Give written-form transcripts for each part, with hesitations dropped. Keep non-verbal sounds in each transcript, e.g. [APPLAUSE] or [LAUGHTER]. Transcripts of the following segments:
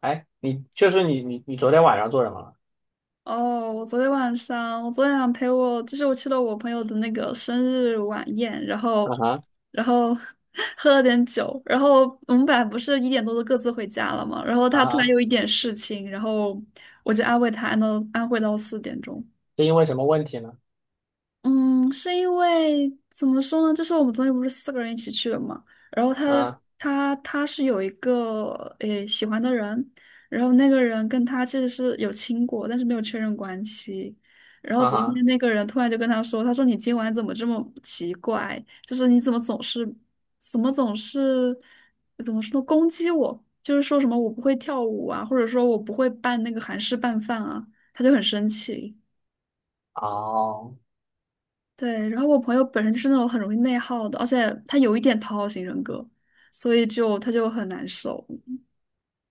哎，你就是你你你昨天晚上做什么了？哦，我昨天晚上，陪我，就是我去了我朋友的那个生日晚宴，然啊后，哈然后 [LAUGHS] 喝了点酒，然后我们本来不是一点多就各自回家了嘛，然后啊他突然哈，有一点事情，然后我就安慰他，安慰到四点钟。是因为什么问题呢？嗯，是因为怎么说呢？就是我们昨天不是四个人一起去的嘛，然后他啊他他是有一个诶喜欢的人，然后那个人跟他其实是有亲过，但是没有确认关系。然后啊昨哈，天那个人突然就跟他说：“他说你今晚怎么这么奇怪？就是你怎么总是怎么说攻击我？就是说什么我不会跳舞啊，或者说我不会拌那个韩式拌饭啊。”他就很生气。哦，对，然后我朋友本身就是那种很容易内耗的，而且他有一点讨好型人格，所以就他就很难受。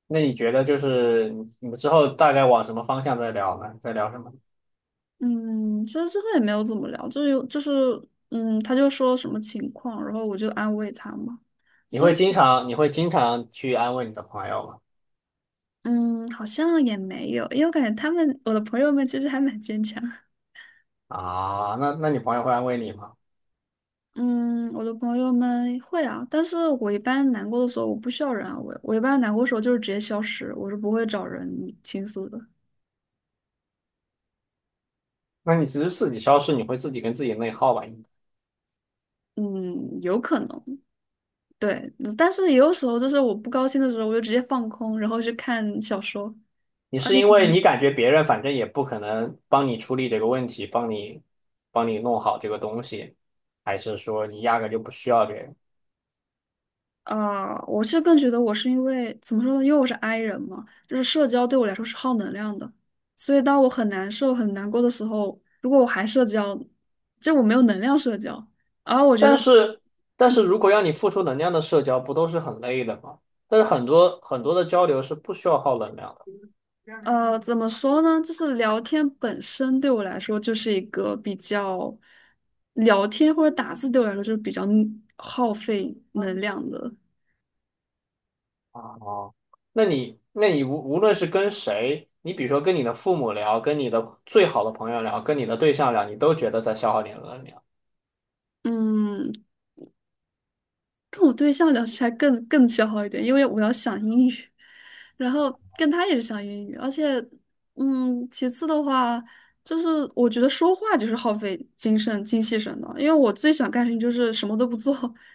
那你觉得就是你们之后大概往什么方向在聊呢？在聊什么？嗯，其实最后也没有怎么聊，就是他就说什么情况，然后我就安慰他嘛。你所以会经常你会经常去安慰你的朋友吗？嗯，好像也没有，因为我感觉他们我的朋友们其实还蛮坚强。啊，那你朋友会安慰你吗？嗯，我的朋友们会啊，但是我一般难过的时候，我不需要人安慰，我一般难过的时候就是直接消失，我是不会找人倾诉的。那你只是自己消失，你会自己跟自己内耗吧？应该嗯，有可能。对，但是也有时候就是我不高兴的时候，我就直接放空，然后去看小说。你而是且因想，为你感觉别人反正也不可能帮你处理这个问题，帮你弄好这个东西，还是说你压根就不需要别人？我是更觉得我是因为怎么说呢，因为我是 I 人嘛，就是社交对我来说是耗能量的，所以当我很难受、很难过的时候，如果我还社交，就我没有能量社交。而我觉得，但是，但是如果让你付出能量的社交，不都是很累的吗？但是很多的交流是不需要耗能量的怎么说呢，就是聊天本身对我来说就是一个比较，聊天或者打字对我来说就是比较耗费能量的。啊。哦那你，那你无论是跟谁，你比如说跟你的父母聊，跟你的最好的朋友聊，跟你的对象聊，你都觉得在消耗你的能量。嗯，跟我对象聊起来更消耗一点，因为我要想英语，[LAUGHS] 然后跟他也是想英语，而且，其次的话，就是我觉得说话就是耗费精神精气神的，因为我最喜欢干的事情就是什么都不做，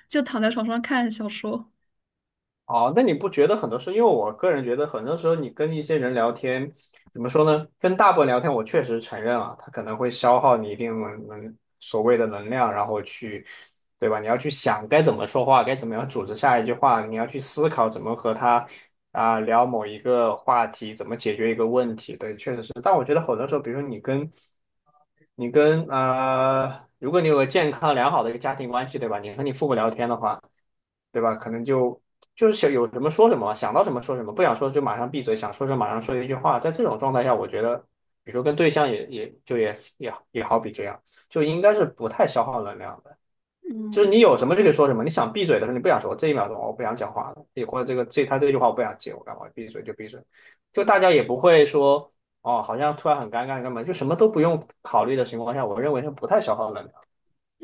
就躺在床上看小说。哦，那你不觉得很多时候，因为我个人觉得很多时候你跟一些人聊天，怎么说呢？跟大部分聊天，我确实承认啊，他可能会消耗你一定所谓的能量，然后去，对吧？你要去想该怎么说话，该怎么样组织下一句话，你要去思考怎么和他聊某一个话题，怎么解决一个问题。对，确实是。但我觉得很多时候，比如说你跟，如果你有个健康良好的一个家庭关系，对吧？你和你父母聊天的话。对吧？可能就是想有什么说什么嘛想到什么说什么，不想说就马上闭嘴，想说什么马上说一句话。在这种状态下，我觉得，比如说跟对象也好比这样，就应该是不太消耗能量的。就是你有什么就可以说什么，你想闭嘴的时候你不想说，这一秒钟哦我不想讲话了，也或者这句话我不想接，我干嘛闭嘴就闭嘴，就嗯，大家也不会说哦，好像突然很尴尬干嘛，就什么都不用考虑的情况下，我认为是不太消耗能量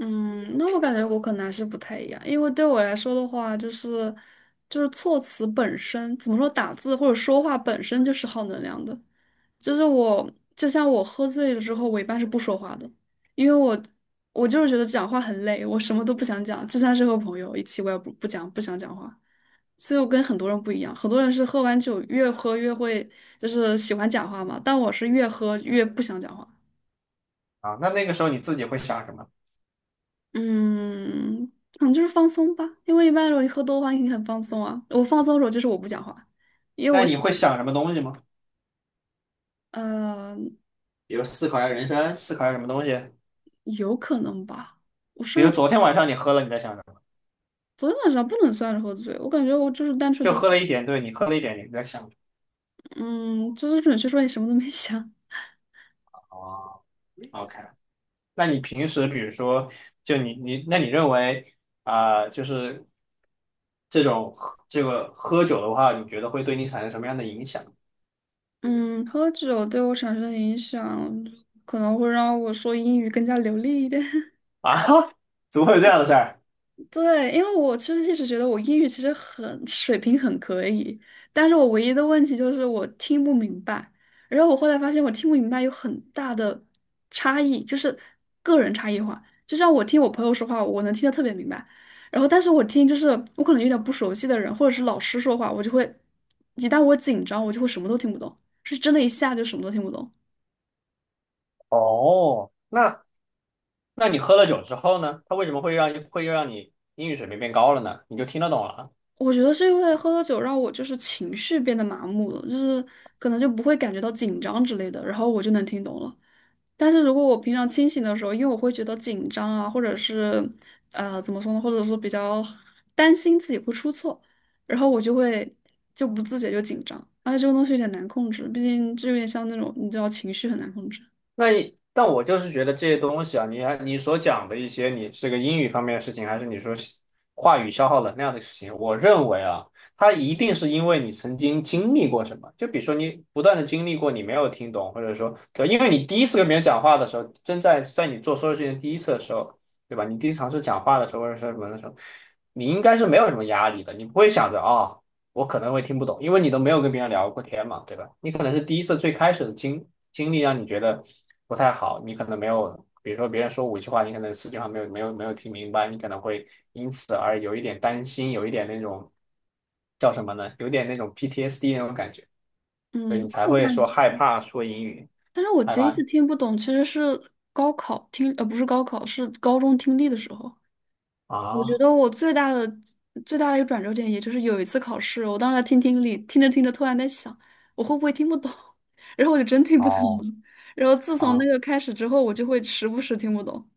嗯那我感觉我可能还是不太一样，因为对我来说的话，就是就是措辞本身，怎么说打字或者说话本身就是耗能量的。就是我，就像我喝醉了之后，我一般是不说话的，因为我我就是觉得讲话很累，我什么都不想讲，就算是和朋友一起，我也不讲，不想讲话。所以我跟很多人不一样，很多人是喝完酒越喝越会，就是喜欢讲话嘛，但我是越喝越不想讲话。啊。那那个时候你自己会想什么？嗯，可能就是放松吧，因为一般如果你喝多的话，你很放松啊。我放松的时候就是我不讲话，因为那我你喜欢，会想什么东西吗？呃，比如思考一下人生，思考一下什么东西。有可能吧。我比如上。昨天晚上你喝了，你在想什么？昨天晚上不能算是喝醉，我感觉我就是单纯就的，喝了一点，对，你喝了一点，你在想什嗯，就是准确说你什么都没想 么？哦，OK。那你平时比如说，就你你，那你认为啊、呃就是这种喝这个喝酒的话，你觉得会对你产生什么样的影响 [LAUGHS]。嗯，喝酒对我产生的影响，可能会让我说英语更加流利一点。[LAUGHS] 啊？[LAUGHS] 怎么会有这样的事儿？对，因为我其实一直觉得我英语其实很水平很可以，但是我唯一的问题就是我听不明白。然后我后来发现我听不明白有很大的差异，就是个人差异化。就像我听我朋友说话，我能听得特别明白，然后但是我听就是我可能有点不熟悉的人或者是老师说话，我就会一旦我紧张，我就会什么都听不懂，是真的一下就什么都听不懂。哦，那那你喝了酒之后呢？它为什么会让你英语水平变高了呢？你就听得懂了。我觉得是因为喝了酒让我就是情绪变得麻木了，就是可能就不会感觉到紧张之类的，然后我就能听懂了。但是如果我平常清醒的时候，因为我会觉得紧张啊，或者是怎么说呢，或者是比较担心自己会出错，然后我就会就不自觉就紧张，而且这个东西有点难控制，毕竟这有点像那种你知道情绪很难控制。那一但我就是觉得这些东西啊，你还你所讲的一些，你这个英语方面的事情，还是你说是话语消耗能量的事情，我认为啊，它一定是因为你曾经经历过什么。就比如说你不断的经历过，你没有听懂，或者说对吧因为你第一次跟别人讲话的时候，正在你做所有事情的第一次的时候，对吧？你第一次尝试讲话的时候，或者说什么的时候，你应该是没有什么压力的，你不会想着啊。我可能会听不懂，因为你都没有跟别人聊过天嘛，对吧？你可能是第一次最开始的经历让你觉得不太好，你可能没有，比如说别人说五句话，你可能四句话没有听明白，你可能会因此而有一点担心，有一点那种叫什么呢？有点那种 PTSD 那种感觉，所以嗯，你但才我会感说觉，害怕说英语，但是我害第一怕次听不懂其实是高考听，不是高考，是高中听力的时候。我觉啊得我最大的最大的一个转折点，也就是有一次考试，我当时在听听力，听着听着，突然在想，我会不会听不懂？[LAUGHS] 然后我就真听不懂了。哦，然后自从那啊个开始之后，我就会时不时听不懂。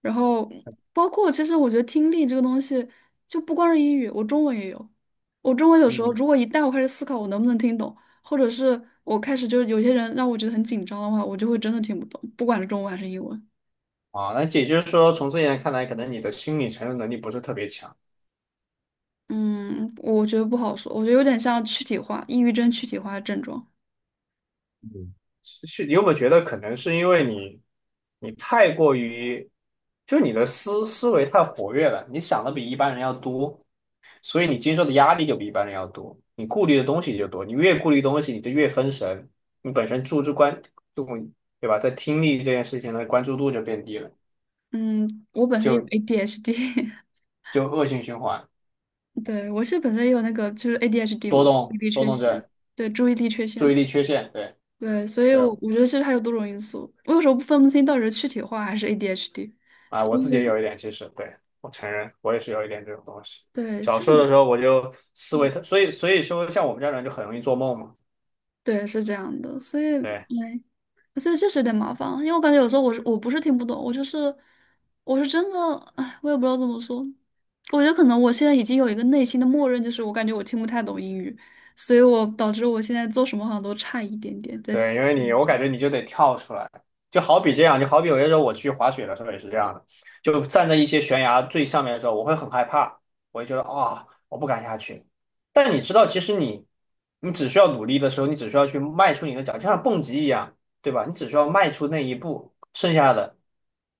然后包括其实我觉得听力这个东西，就不光是英语，我中文也有。我中文有时候嗯如果一旦我开始思考我能不能听懂，或者是我开始就是有些人让我觉得很紧张的话，我就会真的听不懂，不管是中文还是英文。啊，那也就是说，从这一点看来，可能你的心理承受能力不是特别强。嗯，我觉得不好说，我觉得有点像躯体化，抑郁症躯体化的症状。嗯，是你有没有觉得可能是因为你你太过于，就你的思维太活跃了，你想的比一般人要多，所以你经受的压力就比一般人要多，你顾虑的东西就多，你越顾虑东西，你就越分神，你本身关注，对吧？在听力这件事情的关注度就变低了，嗯，我本身有 就 ADHD，就恶性循环，[LAUGHS] 对，我是本身也有那个就是 ADHD 多嘛，注意动力多缺动陷，症，对，注意力缺注陷，意力缺陷，对对，所以对，我觉得其实还有多种因素，我有时候不清到底是躯体化还是 ADHD，啊，我自因己也为有一点，其实对我承认，我也是有一点这种东西。对，小像时候的你，时候，我就思维嗯特，所以说，像我们这样的人就很容易做梦嘛。对，是这样的，所以，对，哎。所以确实有点麻烦，因为我感觉有时候我不是听不懂，我就是我是真的，哎，我也不知道怎么说。我觉得可能我现在已经有一个内心的默认，就是我感觉我听不太懂英语，所以我导致我现在做什么好像都差一点点。在对，因为听你，我感力，觉你就得跳出来，就好比这样，就好比有些时候我去滑雪的时候也是这样的，就站在一些悬崖最上面的时候，我会很害怕，我会觉得我不敢下去。但你知道，其实你，你只需要努力的时候，你只需要去迈出你的脚，就像蹦极一样，对吧？你只需要迈出那一步，剩下的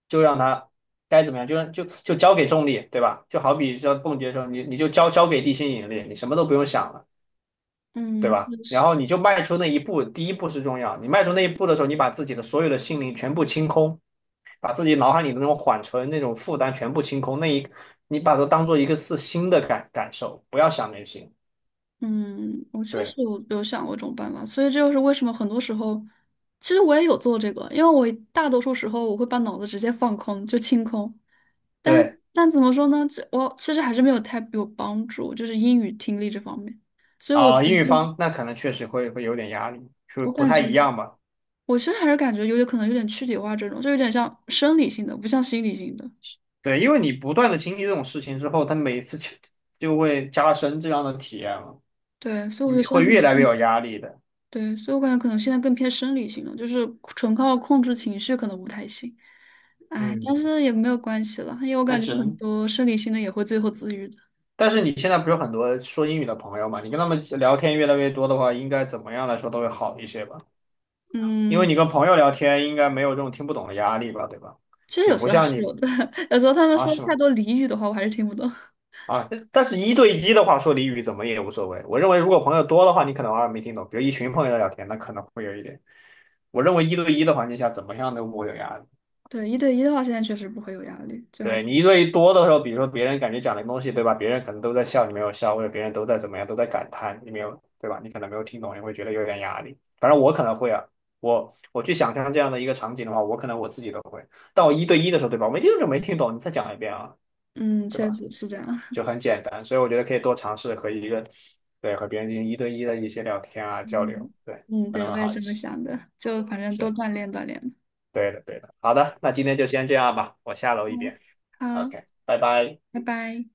就让它该怎么样，就让就就交给重力，对吧？就好比像蹦极的时候，你就交给地心引力，你什么都不用想了。对嗯，吧？就然是。后你就迈出那一步，第一步是重要。你迈出那一步的时候，你把自己的所有的心灵全部清空，把自己脑海里的那种缓存、那种负担全部清空。那一，你把它当做一个是新的感受，不要想那些。嗯，我确对实有想过这种办法，所以这就是为什么很多时候，其实我也有做这个，因为我大多数时候我会把脑子直接放空，就清空。但是，对但怎么说呢？这我其实还是没有太有帮助，就是英语听力这方面。所以我觉啊，英语得方那可能确实会有点压力，就我不感太觉一样吧。我其实还是感觉有点可能有点躯体化这种，就有点像生理性的，不像心理性的。对，因为你不断的经历这种事情之后，它每一次就会加深这样的体验了，对，所以我就得你现在会可越来越能有压力的。对，所以我感觉可能现在更偏生理性了，就是纯靠控制情绪可能不太行。哎，嗯，但是也没有关系了，因为我那感只觉很能多生理性的也会最后自愈的。但是你现在不是有很多说英语的朋友嘛？你跟他们聊天越来越多的话，应该怎么样来说都会好一些吧？因为你嗯，跟朋友聊天，应该没有这种听不懂的压力吧，对吧？其实也有时不候还是像你有的，[LAUGHS] 有时候他们啊，说是太吗？多俚语的话，我还是听不懂。啊，但但是一对一的话，说俚语怎么也无所谓。我认为如果朋友多的话，你可能偶尔没听懂，比如一群朋友在聊天，那可能会有一点。我认为一对一的环境下，怎么样都不会有压力。对，一对一的话，现在确实不会有压力，就还对你挺，一对一多的时候，比如说别人感觉讲的东西，对吧？别人可能都在笑，你没有笑，或者别人都在怎么样，都在感叹，你没有，对吧？你可能没有听懂，你会觉得有点压力。反正我可能会啊，我去想象这样的一个场景的话，我可能我自己都会。但我一对一的时候，对吧？我没听懂就没听懂，你再讲一遍啊，嗯，对确吧？实是这样。就 [LAUGHS] 很简单，所以我觉得可以多尝试和一个，对，和别人进行一对一的一些聊天啊，交流，嗯对，嗯，可对，能我会也好这一么些。想的，就反正多是，锻炼锻炼。对的，对的。好的，那今天就先这样吧，我下楼一嗯，遍。好，OK，拜拜。拜拜。